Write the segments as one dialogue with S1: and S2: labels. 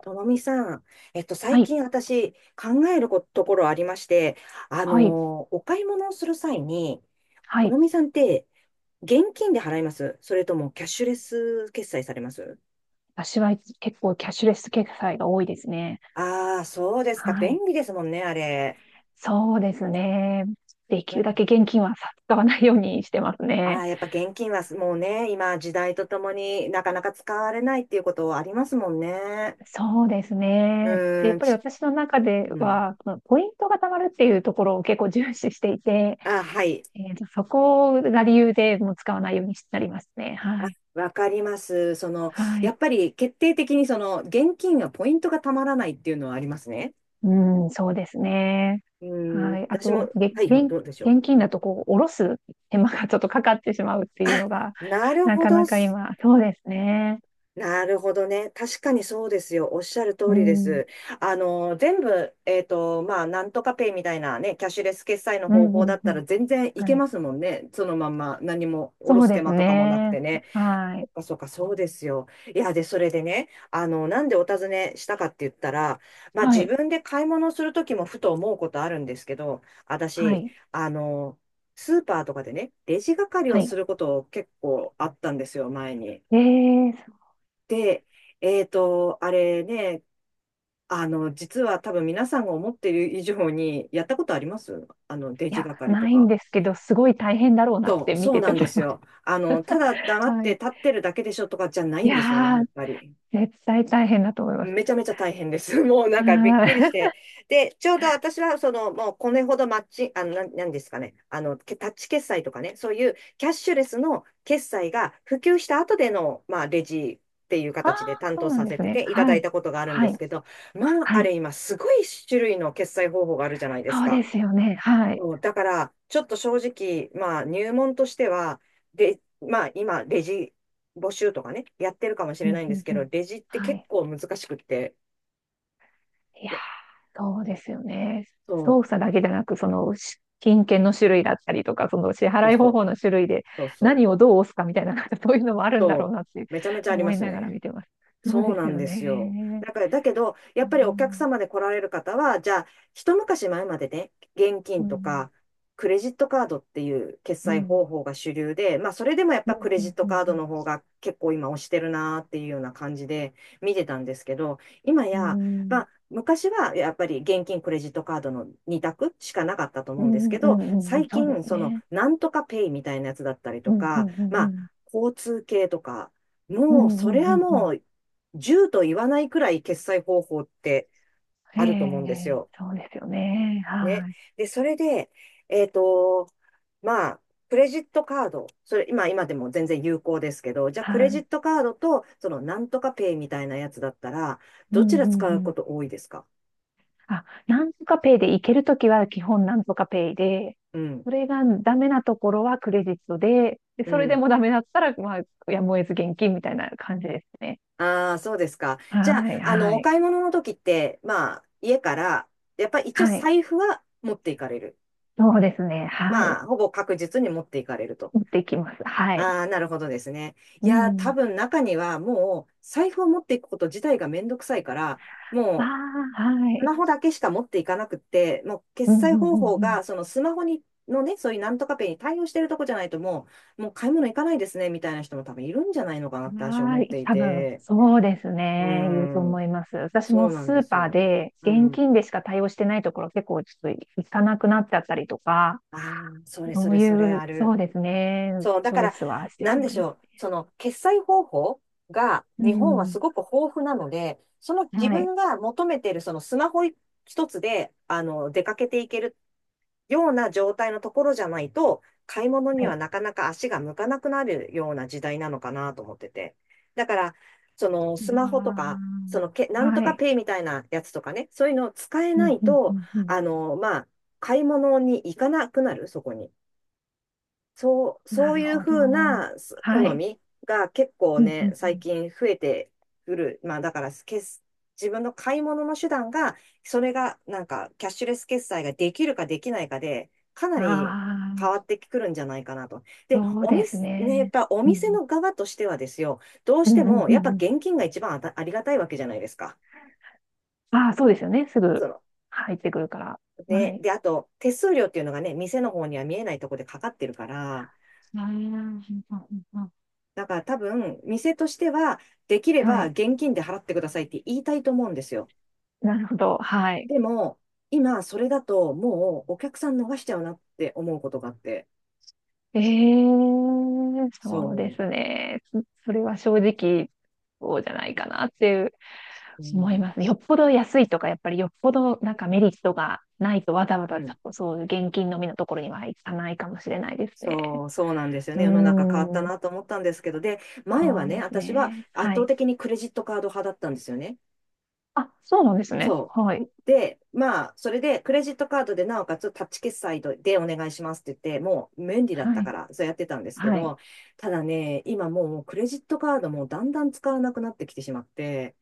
S1: ともみさん、
S2: は
S1: 最
S2: い、
S1: 近私考えることころありまして、
S2: はい、
S1: お買い物をする際に、
S2: は
S1: と
S2: い。
S1: もみさんって現金で払いますそれともキャッシュレス決済されます？
S2: 私は結構キャッシュレス決済が多いですね。
S1: ああー、そうですか。
S2: はい。
S1: 便利ですもんね、あれ。
S2: そうですね。で
S1: う
S2: きるだ
S1: ん。
S2: け現金は使わないようにしてます
S1: あ
S2: ね。
S1: あ、やっぱ現金はもうね、今時代とともになかなか使われないっていうことありますもんね。
S2: そうです
S1: う
S2: ね。で、
S1: ー
S2: やっ
S1: ん、
S2: ぱり
S1: ち、
S2: 私の中で
S1: うん。
S2: は、そのポイントが貯まるっていうところを結構重視していて、
S1: あ、はい。
S2: そこが理由でもう使わないようになりますね。はい。
S1: わかります。その、
S2: は
S1: や
S2: い。
S1: っぱり決定的にその、現金はポイントがたまらないっていうのはありますね。
S2: うん、そうですね。
S1: う
S2: は
S1: ん、
S2: い。あ
S1: 私も、
S2: と、
S1: はい、どうでしょ
S2: 現
S1: う。う
S2: 金だ
S1: ん、
S2: とこう、下ろす手間がちょっとかかってしまうっていう
S1: あ、
S2: のが、
S1: なる
S2: な
S1: ほ
S2: か
S1: ど
S2: な
S1: っ
S2: か
S1: す。
S2: 今、そうですね。
S1: なるほどね。確かにそうですよ。おっしゃる通
S2: う
S1: りで
S2: ん。うん、
S1: す。全部、まあ、なんとかペイみたいなね、キャッシュレス決済の
S2: う
S1: 方法
S2: ん、
S1: だっ
S2: う
S1: た
S2: ん。
S1: ら全然いけ
S2: はい。
S1: ますもんね。そのまんま、何も、おろ
S2: そう
S1: す手
S2: です
S1: 間とかもなく
S2: ね。
S1: てね。
S2: は
S1: そ
S2: い。
S1: っかそっか、そうですよ。いや、で、それでね、なんでお尋ねしたかって言ったら、まあ
S2: は
S1: 自
S2: い。
S1: 分で買い物するときもふと思うことあるんですけど、
S2: は
S1: 私、
S2: い。
S1: あの、スーパーとかでね、レジ係
S2: は
S1: を
S2: い。
S1: すること結構あったんですよ、前に。
S2: ええ、そう、
S1: で、あれね、実は多分皆さんが思ってる以上に、やったことあります、レ
S2: い
S1: ジ
S2: や、
S1: 係と
S2: ないん
S1: か。
S2: ですけど、すごい大変だろうなって見
S1: そう
S2: てて
S1: なんで
S2: 思い
S1: す
S2: ます。
S1: よ。あの、ただ黙 っ
S2: は
S1: て
S2: い。
S1: 立ってるだけでしょとかじゃない
S2: い
S1: んですよね、
S2: や
S1: やっ
S2: ー、
S1: ぱり。
S2: 絶対大変だと思います。
S1: めちゃめちゃ大変です。もうなんかびっ
S2: は
S1: くりし
S2: い。
S1: て。で、ちょうど私はその、もうこれほどマッチ、あの、なん、なんですかね。あの、タッチ決済とかね、そういうキャッシュレスの決済が普及した後での、まあ、レジっていう
S2: ああ、
S1: 形で担
S2: そう
S1: 当
S2: なん
S1: さ
S2: で
S1: せ
S2: す
S1: て
S2: ね。
S1: ていただ
S2: は
S1: い
S2: い。
S1: たことがあるんで
S2: は
S1: す
S2: い。
S1: けど、まあ、
S2: は
S1: あれ
S2: い。
S1: 今すごい種類の決済方法があるじゃないです
S2: そうで
S1: か。
S2: すよね。はい。
S1: そうだから、ちょっと正直、まあ、入門としては、で、まあ、今、レジ募集とかね、やってるかもし
S2: う
S1: れな
S2: ん、
S1: いん
S2: う
S1: です
S2: ん、
S1: け
S2: う
S1: ど、
S2: ん。
S1: レジって
S2: は
S1: 結
S2: い。
S1: 構難しくって、
S2: いやー、そうですよね。
S1: そ
S2: 操作だけじゃなく、その、し金券の種類だったりとか、その支
S1: う、そう
S2: 払い
S1: そ
S2: 方
S1: う、
S2: 法の種類で
S1: そうそ
S2: 何
S1: う、
S2: をどう押すかみたいな、なんかそういうのもあるんだろう
S1: そ
S2: なって
S1: めちゃめちゃあり
S2: 思
S1: ま
S2: い
S1: す
S2: ながら
S1: ね。
S2: 見てます。そう
S1: そう
S2: で
S1: な
S2: す
S1: ん
S2: よ
S1: ですよ。
S2: ね。
S1: だから、だけど、や
S2: う
S1: っぱりお客
S2: ん、
S1: 様で来られる方は、じゃあ、一昔前までね、現
S2: う
S1: 金と
S2: ん、
S1: か、クレジットカードっていう決
S2: う
S1: 済
S2: ん、
S1: 方法が主流で、まあ、それでもやっ
S2: うん、
S1: ぱクレ
S2: う
S1: ジッ
S2: ん、
S1: ト
S2: うん、
S1: カードの方が結構今押してるなーっていうような感じで見てたんですけど、今
S2: う
S1: や、ま
S2: ん、
S1: あ、昔はやっぱり現金、クレジットカードの二択しかなかったと
S2: う
S1: 思うんです
S2: ん、
S1: け
S2: うん、う
S1: ど、
S2: ん、うん、
S1: 最
S2: そうで
S1: 近、
S2: す
S1: その、
S2: ね。
S1: なんとかペイみたいなやつだったり
S2: う
S1: と
S2: ん、う
S1: か、
S2: ん、う
S1: ま
S2: ん、う
S1: あ、
S2: ん、
S1: 交通系とか、
S2: うん、う
S1: もう、それ
S2: ん、う
S1: は
S2: ん、う
S1: も
S2: ん。
S1: う、10と言わないくらい決済方法って
S2: え
S1: あると思うんです
S2: え、
S1: よ。
S2: そうですよね。
S1: ね。
S2: はい、
S1: で、それで、えっと、まあ、クレジットカード、それ今、今でも全然有効ですけど、じゃあク
S2: は
S1: レジッ
S2: い。
S1: トカードと、そのなんとかペイみたいなやつだったら、
S2: う
S1: どち
S2: ん、う
S1: ら
S2: ん、
S1: 使う
S2: う
S1: こ
S2: ん。
S1: と多いですか？
S2: あ、なんとかペイで行けるときは基本なんとかペイで、
S1: うん、
S2: それがダメなところはクレジットで、で、
S1: う
S2: それで
S1: ん。
S2: もダメだったら、まあ、やむを得ず現金みたいな感じですね。
S1: ああ、そうですか。じゃあ、
S2: はい、
S1: あの、
S2: は
S1: お
S2: い、
S1: 買い物の時って、まあ、家から、やっぱり一応
S2: はい。
S1: 財布は持っていかれる。
S2: そうですね。はい。
S1: まあ、ほぼ確実に持っていかれると。
S2: 持っていきます。はい。
S1: ああ、なるほどですね。
S2: う
S1: いやー、多
S2: ん。
S1: 分中にはもう財布を持っていくこと自体がめんどくさいから、
S2: あ
S1: もう
S2: あ、は
S1: ス
S2: い。
S1: マホだけしか持っていかなくって、もう
S2: うん、
S1: 決
S2: う
S1: 済
S2: ん、
S1: 方法
S2: うん、
S1: がそのスマホに、のね、そういうなんとかペイに対応してるとこじゃないともう買い物行かないですね、みたいな人も多分いるんじゃないのかなっ
S2: うん。
S1: て私は思
S2: は
S1: っ
S2: い。
S1: てい
S2: 多分、
S1: て。
S2: そうです
S1: うー
S2: ね。言うと思
S1: ん、
S2: います。私
S1: そ
S2: も
S1: うなん
S2: ス
S1: で
S2: ー
S1: す
S2: パー
S1: よ。
S2: で
S1: う
S2: 現
S1: ん。
S2: 金でしか対応してないところ結構ちょっと行かなくなっちゃったりとか、
S1: ああ、それそ
S2: そう
S1: れそれ
S2: い
S1: あ
S2: う、そう
S1: る。
S2: ですね。
S1: そう、だ
S2: チ
S1: か
S2: ョイ
S1: ら、
S2: スはして
S1: な
S2: し
S1: んで
S2: まい
S1: し
S2: ま
S1: ょ
S2: す。
S1: う、その決済方法が
S2: う
S1: 日本はす
S2: ん。
S1: ごく豊富なので、その自
S2: はい。
S1: 分が求めているそのスマホ一つであの出かけていけるような状態のところじゃないと、買い物に
S2: は
S1: は
S2: い。
S1: なかなか足が向かなくなるような時代なのかなと思ってて。だから、その
S2: い
S1: ス
S2: や
S1: マホとか、そのけ、な
S2: ー、
S1: んと
S2: は
S1: か
S2: い。
S1: ペイみたいなやつとかね、そういうのを使え
S2: う
S1: な
S2: ん、
S1: い
S2: うん、う
S1: と、
S2: ん、うん。
S1: まあ、買い物に行かなくなる、そこに。そう、
S2: な
S1: そう
S2: る
S1: いう
S2: ほど。
S1: ふうなす
S2: は
S1: 好
S2: い。
S1: みが結構
S2: うん、う
S1: ね、
S2: ん、
S1: 最近増えてくる。まあだから決す、自分の買い物の手段が、それがなんかキャッシュレス決済ができるかできないかで、かな
S2: うん。
S1: り変
S2: あ
S1: わっ
S2: あ、
S1: てくるんじゃないかなと。で、
S2: そう
S1: お
S2: です
S1: 店、ね、やっ
S2: ね。
S1: ぱお
S2: う
S1: 店
S2: ん。
S1: の側としてはですよ、どう
S2: う
S1: し
S2: ん、う
S1: て
S2: ん、うん。
S1: も
S2: う
S1: やっぱ
S2: ん、
S1: 現金が一番あた、ありがたいわけじゃないですか。
S2: ああ、そうですよね。すぐ
S1: その、
S2: 入ってくるから。は
S1: ね、
S2: い。
S1: で、あと手数料っていうのがね、店の方には見えないところでかかってるから、
S2: ああ、うん、うん、うん、
S1: だから多分、店としては、できれ
S2: は
S1: ば
S2: い。
S1: 現金で払ってくださいって言いたいと思うんですよ。
S2: なるほど。はい。
S1: でも、今、それだと、もうお客さん逃しちゃうなって思うことがあって。
S2: ええ、そうで
S1: そ
S2: すね。そ、それは正直、そうじゃないかなっていう
S1: う。う
S2: 思い
S1: ん。
S2: ます。よっぽど安いとか、やっぱりよっぽどなんかメリットがないとわざわ
S1: う
S2: ざちょ
S1: ん。
S2: っとそういう現金のみのところには行かないかもしれないですね。
S1: そうなんですよ
S2: う
S1: ね。
S2: ー
S1: 世の中変わった
S2: ん、
S1: なと思ったんですけど、で、前
S2: そ
S1: は
S2: う
S1: ね、
S2: です
S1: 私は
S2: ね。
S1: 圧
S2: は
S1: 倒
S2: い。
S1: 的にクレジットカード派だったんですよね。
S2: あ、そうなんですね。
S1: そ
S2: はい。
S1: う。で、まあ、それで、クレジットカードで、なおかつ、タッチ決済でお願いしますって言って、もう、便利だっ
S2: は
S1: たか
S2: い。
S1: ら、そうやってたんですけ
S2: はい。
S1: ど、ただね、今もう、クレジットカードもだんだん使わなくなってきてしまって、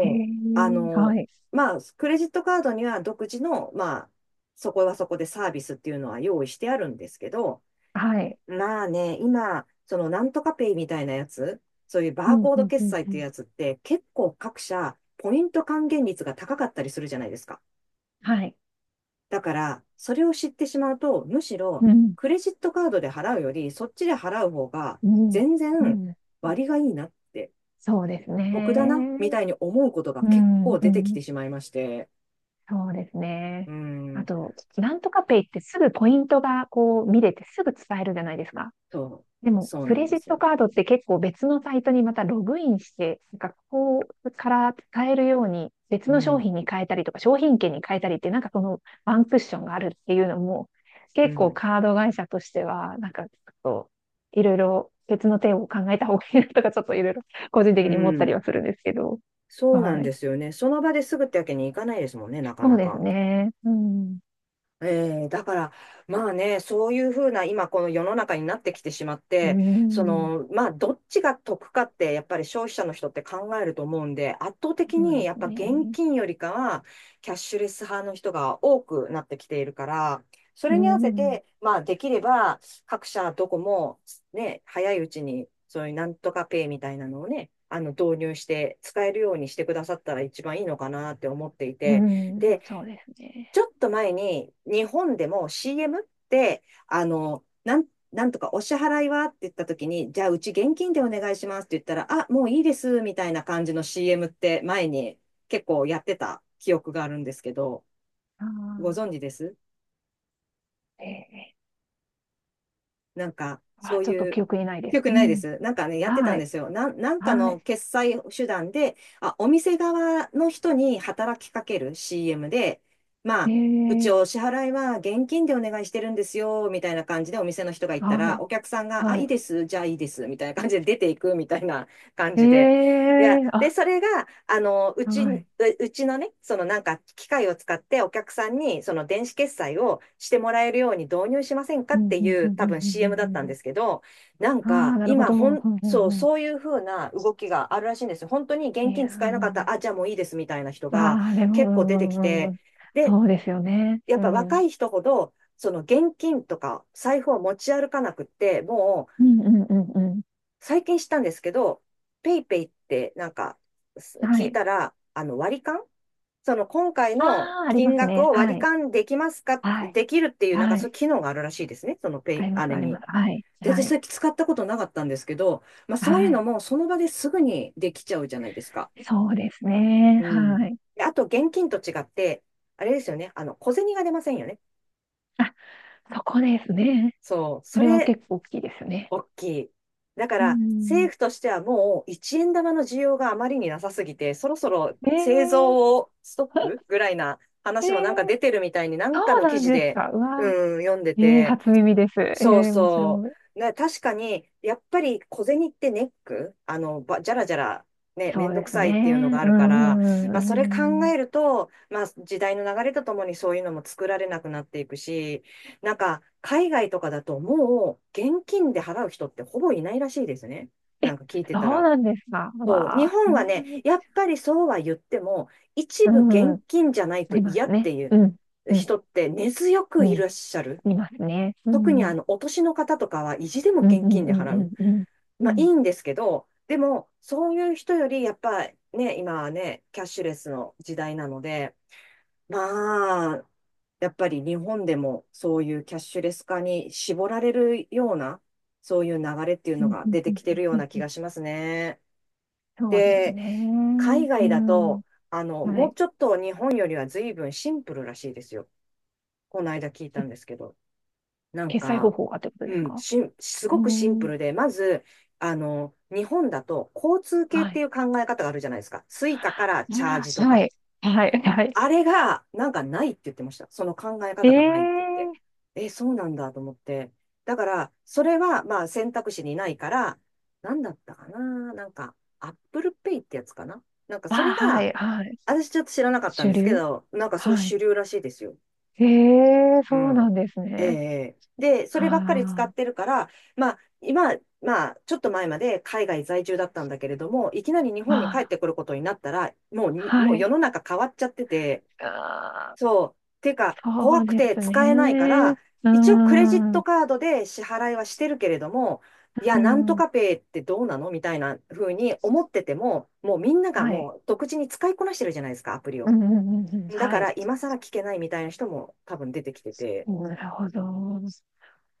S2: ええ、
S1: う、あ
S2: は
S1: の、
S2: い。
S1: まあ、クレジットカードには独自の、まあ、そこはそこでサービスっていうのは用意してあるんですけど、
S2: はい。
S1: まあね、今、そのなんとかペイみたいなやつ、そういう
S2: う
S1: バー
S2: ん、う
S1: コード
S2: ん、う
S1: 決
S2: ん、
S1: 済っ
S2: う
S1: ていう
S2: ん。
S1: やつって、結構各社、ポイント還元率が高かったりするじゃないですか。
S2: はい。
S1: だから、それを知ってしまうと、むしろ、
S2: うん、
S1: クレジットカードで払うより、そっちで払う方が、
S2: うん、
S1: 全
S2: う
S1: 然
S2: ん。
S1: 割がいいなって、
S2: そうです
S1: 得だな、
S2: ね。
S1: みたいに思うことが
S2: う
S1: 結
S2: ん、
S1: 構
S2: う
S1: 出てき
S2: ん、
S1: てしまいまして、
S2: そうです
S1: う
S2: ね。
S1: ー
S2: あ
S1: ん、
S2: と、なんとかペイってすぐポイントがこう見れてすぐ使えるじゃないですか。
S1: そう、
S2: でも、
S1: そう
S2: ク
S1: な
S2: レ
S1: んで
S2: ジッ
S1: す
S2: ト
S1: よ。
S2: カードって結構別のサイトにまたログインして、なんかここから使えるように別
S1: う
S2: の商
S1: ん、
S2: 品に変えたりとか商品券に変えたりってなんかそのワンクッションがあるっていうのも
S1: う
S2: 結構
S1: ん、
S2: カード会社としてはなんかちょっといろいろ別の手を考えた方がいいなとかちょっといろいろ個人
S1: う
S2: 的に思ったり
S1: ん。
S2: はするんですけど。
S1: そうな
S2: は
S1: ん
S2: い。
S1: ですよね。その場ですぐってわけにいかないですもんね、なか
S2: そう
S1: な
S2: です
S1: か。
S2: ね。うん。
S1: えー、だから、まあね、そういうふうな、今この世の中になってきてしまっ
S2: う
S1: て、そ
S2: ん。
S1: の、まあ、どっちが得かって、やっぱり消費者の人って考えると思うんで、圧倒的
S2: そう
S1: に
S2: で
S1: やっ
S2: す
S1: ぱ現
S2: ね。
S1: 金よりかは、キャッシュレス派の人が多くなってきているから、そ
S2: う
S1: れに合わせ
S2: ん。
S1: て、まあ、できれば、各社どこも、ね、早いうちに、そういうなんとかペイみたいなのをね、導入して、使えるようにしてくださったら一番いいのかなって思ってい
S2: う
S1: て、
S2: ん。
S1: で、
S2: そうです
S1: ち
S2: ね。
S1: ょっと前に日本でも CM って、なんとかお支払いはって言った時に、じゃあうち現金でお願いしますって言ったら、あ、もういいですみたいな感じの CM って前に結構やってた記憶があるんですけど、
S2: あ
S1: ご
S2: あ。
S1: 存知です
S2: ええ。
S1: なんか、そ
S2: あ、
S1: う
S2: ちょっと
S1: いう、
S2: 記憶にないで
S1: 記
S2: す。
S1: 憶
S2: う
S1: ないで
S2: ん。
S1: す。なんかね、やってた
S2: は
S1: んで
S2: い。
S1: すよ。なんか
S2: は
S1: の
S2: い。
S1: 決済手段で、あ、お店側の人に働きかける CM で、ま
S2: え
S1: あ、うち
S2: え。
S1: お支払いは現金でお願いしてるんですよ、みたいな感じでお店の人が言った
S2: は
S1: ら、
S2: い。
S1: お客さんが、あ、
S2: は
S1: いい
S2: い。
S1: です、じゃあいいです、みたいな感じで出ていくみたいな感
S2: え
S1: じで、いや、
S2: え。
S1: で、
S2: あ、
S1: それが、あの、うち
S2: はい。
S1: うちのね、そのなんか機械を使ってお客さんにその電子決済をしてもらえるように導入しませんか
S2: うん、
S1: って
S2: うん、
S1: い
S2: う
S1: う
S2: ん、うん、
S1: 多分 CM だ
S2: う
S1: ったん
S2: ん、う
S1: で
S2: ん。
S1: すけど、なん
S2: あ
S1: か
S2: あ、なるほ
S1: 今
S2: ど。う
S1: ほん、
S2: ん、う
S1: そう、
S2: ん、うん。
S1: そういう風な動きがあるらしいんですよ。本当に
S2: い
S1: 現金
S2: や
S1: 使えなかった
S2: ー、
S1: ら、あ、じゃあもういいですみたいな人が
S2: ああ、でも、う
S1: 結構出て
S2: ん、
S1: き
S2: うん、うん。う
S1: て、
S2: ん、
S1: で、
S2: そうですよね。
S1: やっ
S2: う
S1: ぱ
S2: ん。う
S1: 若
S2: ん、
S1: い人ほど、その現金とか財布を持ち歩かなくって、もう、
S2: うん、うん、うん。
S1: 最近したんですけど、ペイペイってなんか
S2: は
S1: 聞い
S2: い。
S1: たら、あの割り勘その今回の
S2: ああ、ありま
S1: 金
S2: す
S1: 額
S2: ね。
S1: を割
S2: は
S1: り
S2: い。
S1: 勘できますか
S2: はい。
S1: できるっていう、なんか
S2: は
S1: そうい
S2: い。
S1: う機能があるらしいですね。そのペ
S2: あ
S1: イ、
S2: りま
S1: あ
S2: す、
S1: れ
S2: ありま
S1: に。
S2: す。はい、
S1: で、
S2: は
S1: 私そ
S2: い、
S1: れ使ったことなかったんですけど、まあ
S2: は
S1: そういうの
S2: い。
S1: もその場ですぐにできちゃうじゃないですか。
S2: そうですね。
S1: うん。
S2: はい。
S1: であと現金と違って、あれですよね。あの、小銭が出ませんよね。
S2: あ、そこですね。
S1: そう。
S2: そ
S1: そ
S2: れは
S1: れ、
S2: 結構大きいですよね。
S1: 大きい。だか
S2: う
S1: ら、
S2: ん。
S1: 政府としてはもう一円玉の需要があまりになさすぎて、そろそろ
S2: え
S1: 製
S2: え、
S1: 造をストップぐらいな
S2: え
S1: 話もなんか
S2: え、
S1: 出てるみたいに、なんか
S2: そう
S1: の記
S2: なん
S1: 事
S2: です
S1: で、
S2: か。うわ
S1: うん、読んで
S2: ー、えー、
S1: て、
S2: 初耳です。え
S1: そう
S2: ー、面
S1: そ
S2: 白い。
S1: う。ね、確かに、やっぱり小銭ってネックあの、ば、じゃらじゃら、ね、め
S2: そ
S1: ん
S2: う
S1: ど
S2: で
S1: く
S2: す
S1: さ
S2: ね。
S1: い
S2: う
S1: っていうの
S2: ん、
S1: があるから、ま
S2: う
S1: あ、それ考
S2: ん、うん。
S1: えると、まあ、時代の流れとともにそういうのも作られなくなっていくし、なんか、海外とかだともう、現金で払う人ってほぼいないらしいですね。
S2: え、
S1: なんか聞いてた
S2: そう
S1: ら。
S2: なんですか。う
S1: そう、
S2: わ
S1: 日
S2: あ、そ
S1: 本は
S2: んな
S1: ね、
S2: に。
S1: やっぱりそうは言っても、一部
S2: うん、
S1: 現金じゃない
S2: あ
S1: と
S2: りま
S1: 嫌
S2: す
S1: って
S2: ね。
S1: い
S2: う
S1: う
S2: ん、うん、
S1: 人って根強
S2: う
S1: くいらっ
S2: ん、
S1: しゃる。
S2: いますね。う
S1: 特に
S2: ん、
S1: あの、お年の方とかは意地でも
S2: うん、
S1: 現
S2: うん、
S1: 金で払
S2: うん、う
S1: う。
S2: ん、うん、う
S1: まあいい
S2: ん、
S1: んですけど、でも、そういう人より、やっぱね、今はね、キャッシュレスの時代なので、まあ、やっぱり日本でもそういうキャッシュレス化に絞られるような、そういう流れっていう
S2: う
S1: の
S2: ん、
S1: が
S2: うん、
S1: 出
S2: う
S1: て
S2: ん、
S1: きてるよ
S2: う
S1: う
S2: ん、
S1: な
S2: う
S1: 気
S2: ん。
S1: がしますね。
S2: そうです
S1: で、
S2: ね。
S1: 海
S2: う
S1: 外だ
S2: ん。
S1: と、あの、
S2: は
S1: もう
S2: い。
S1: ちょっと日本よりは随分シンプルらしいですよ。この間聞いたんですけど。なん
S2: 決済方
S1: か、
S2: 法がってことですか？
S1: す
S2: う
S1: ごくシンプ
S2: ん。
S1: ルで、まず、あの、日本だと交通系っ
S2: は
S1: てい
S2: い。
S1: う考え方があるじゃないですか。スイカからチャージと
S2: は
S1: か。
S2: い。はい。はい。
S1: あれが、なんかないって言ってました。その考え
S2: ええ
S1: 方がないって言って。
S2: ー。
S1: え、そうなんだと思って。だから、それは、まあ、選択肢にないから、なんだったかな。なんか、アップルペイってやつかな。なんか、
S2: あ、
S1: それ
S2: は
S1: が、
S2: い。はい。
S1: 私ちょっと知らなかったん
S2: 主
S1: ですけ
S2: 流、
S1: ど、なんかそれ
S2: は
S1: 主
S2: い。
S1: 流らしいですよ。
S2: ええー、
S1: う
S2: そうな
S1: ん。
S2: んです
S1: え
S2: ね。
S1: えで、そればっかり使
S2: あ
S1: っ
S2: あ。
S1: てるから、まあ、今、まあ、ちょっと前まで海外在住だったんだけれども、いきなり日本に
S2: ま
S1: 帰っ
S2: あ、
S1: てくることになったら、
S2: あ、は
S1: もう世
S2: い。
S1: の中変わっちゃってて、
S2: ああ、
S1: そう。てか、
S2: そ
S1: 怖
S2: う
S1: く
S2: で
S1: て
S2: す
S1: 使えないか
S2: ね。
S1: ら、
S2: うー
S1: 一応クレジット
S2: ん。
S1: カードで支払いはしてるけれども、い
S2: う
S1: や、なんと
S2: ん。
S1: かペイってどうなのみたいな風に思ってても、もうみんなが
S2: はい。
S1: もう独自に使いこなしてるじゃないですか、アプリ
S2: う
S1: を。
S2: ん、うん、うん、うん。
S1: だ
S2: は
S1: か
S2: い。
S1: ら、今更聞けないみたいな人も多分出てきてて。
S2: なるほど。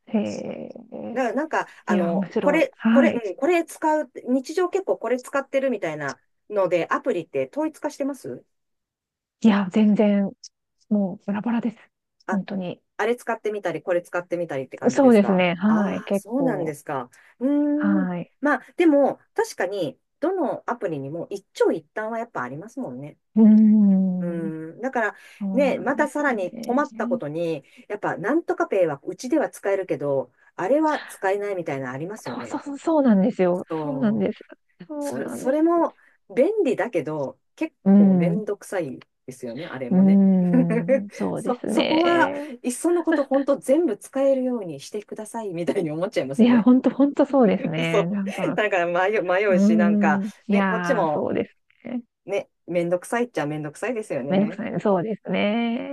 S2: へえ。
S1: な、なんか、
S2: い
S1: あ
S2: や、
S1: の、
S2: 面
S1: こ
S2: 白い。
S1: れ、これ、
S2: はい。
S1: うん、これ使う、日常結構これ使ってるみたいなので、アプリって統一化してます
S2: いや、全然、もうバラバラです。
S1: あ、
S2: 本当に。
S1: あれ使ってみたり、これ使ってみたりって感じ
S2: そ
S1: で
S2: う
S1: す
S2: です
S1: か
S2: ね。はい。
S1: ああー、
S2: 結
S1: そうなんで
S2: 構。
S1: すか。うーん。
S2: はい。
S1: まあ、でも、確かに、どのアプリにも一長一短はやっぱありますもんね。
S2: うー
S1: う
S2: ん。
S1: ーん。だから、
S2: そう
S1: ね、
S2: なん
S1: ま
S2: で
S1: た
S2: す
S1: さら
S2: よ
S1: に困ったこ
S2: ね。
S1: とに、やっぱ、なんとかペイはうちでは使えるけど、あれは使えないみたいなのありますよ
S2: そうそ
S1: ね。
S2: うそう、そうなんですよ。そうなん
S1: そう。
S2: です。そう
S1: そ
S2: なん
S1: そ
S2: です。
S1: れも便利だけど、結
S2: う
S1: 構め
S2: ん。う
S1: んどくさいですよね、あれもね。
S2: ー ん。そうです
S1: そこは、
S2: ね。
S1: いっそのこと、本当全部使えるようにしてください、みたいに思っちゃいます
S2: い
S1: よ
S2: や、
S1: ね。
S2: 本当本当そうです ね。
S1: そ
S2: なん
S1: う。
S2: か、
S1: だから迷
S2: うー
S1: うし、なんか、
S2: ん。い
S1: ね、こっち
S2: やー、
S1: も、
S2: そうですね。
S1: ね、めんどくさいっちゃめんどくさいですよ
S2: めんどく
S1: ね。
S2: さいね。そうですね。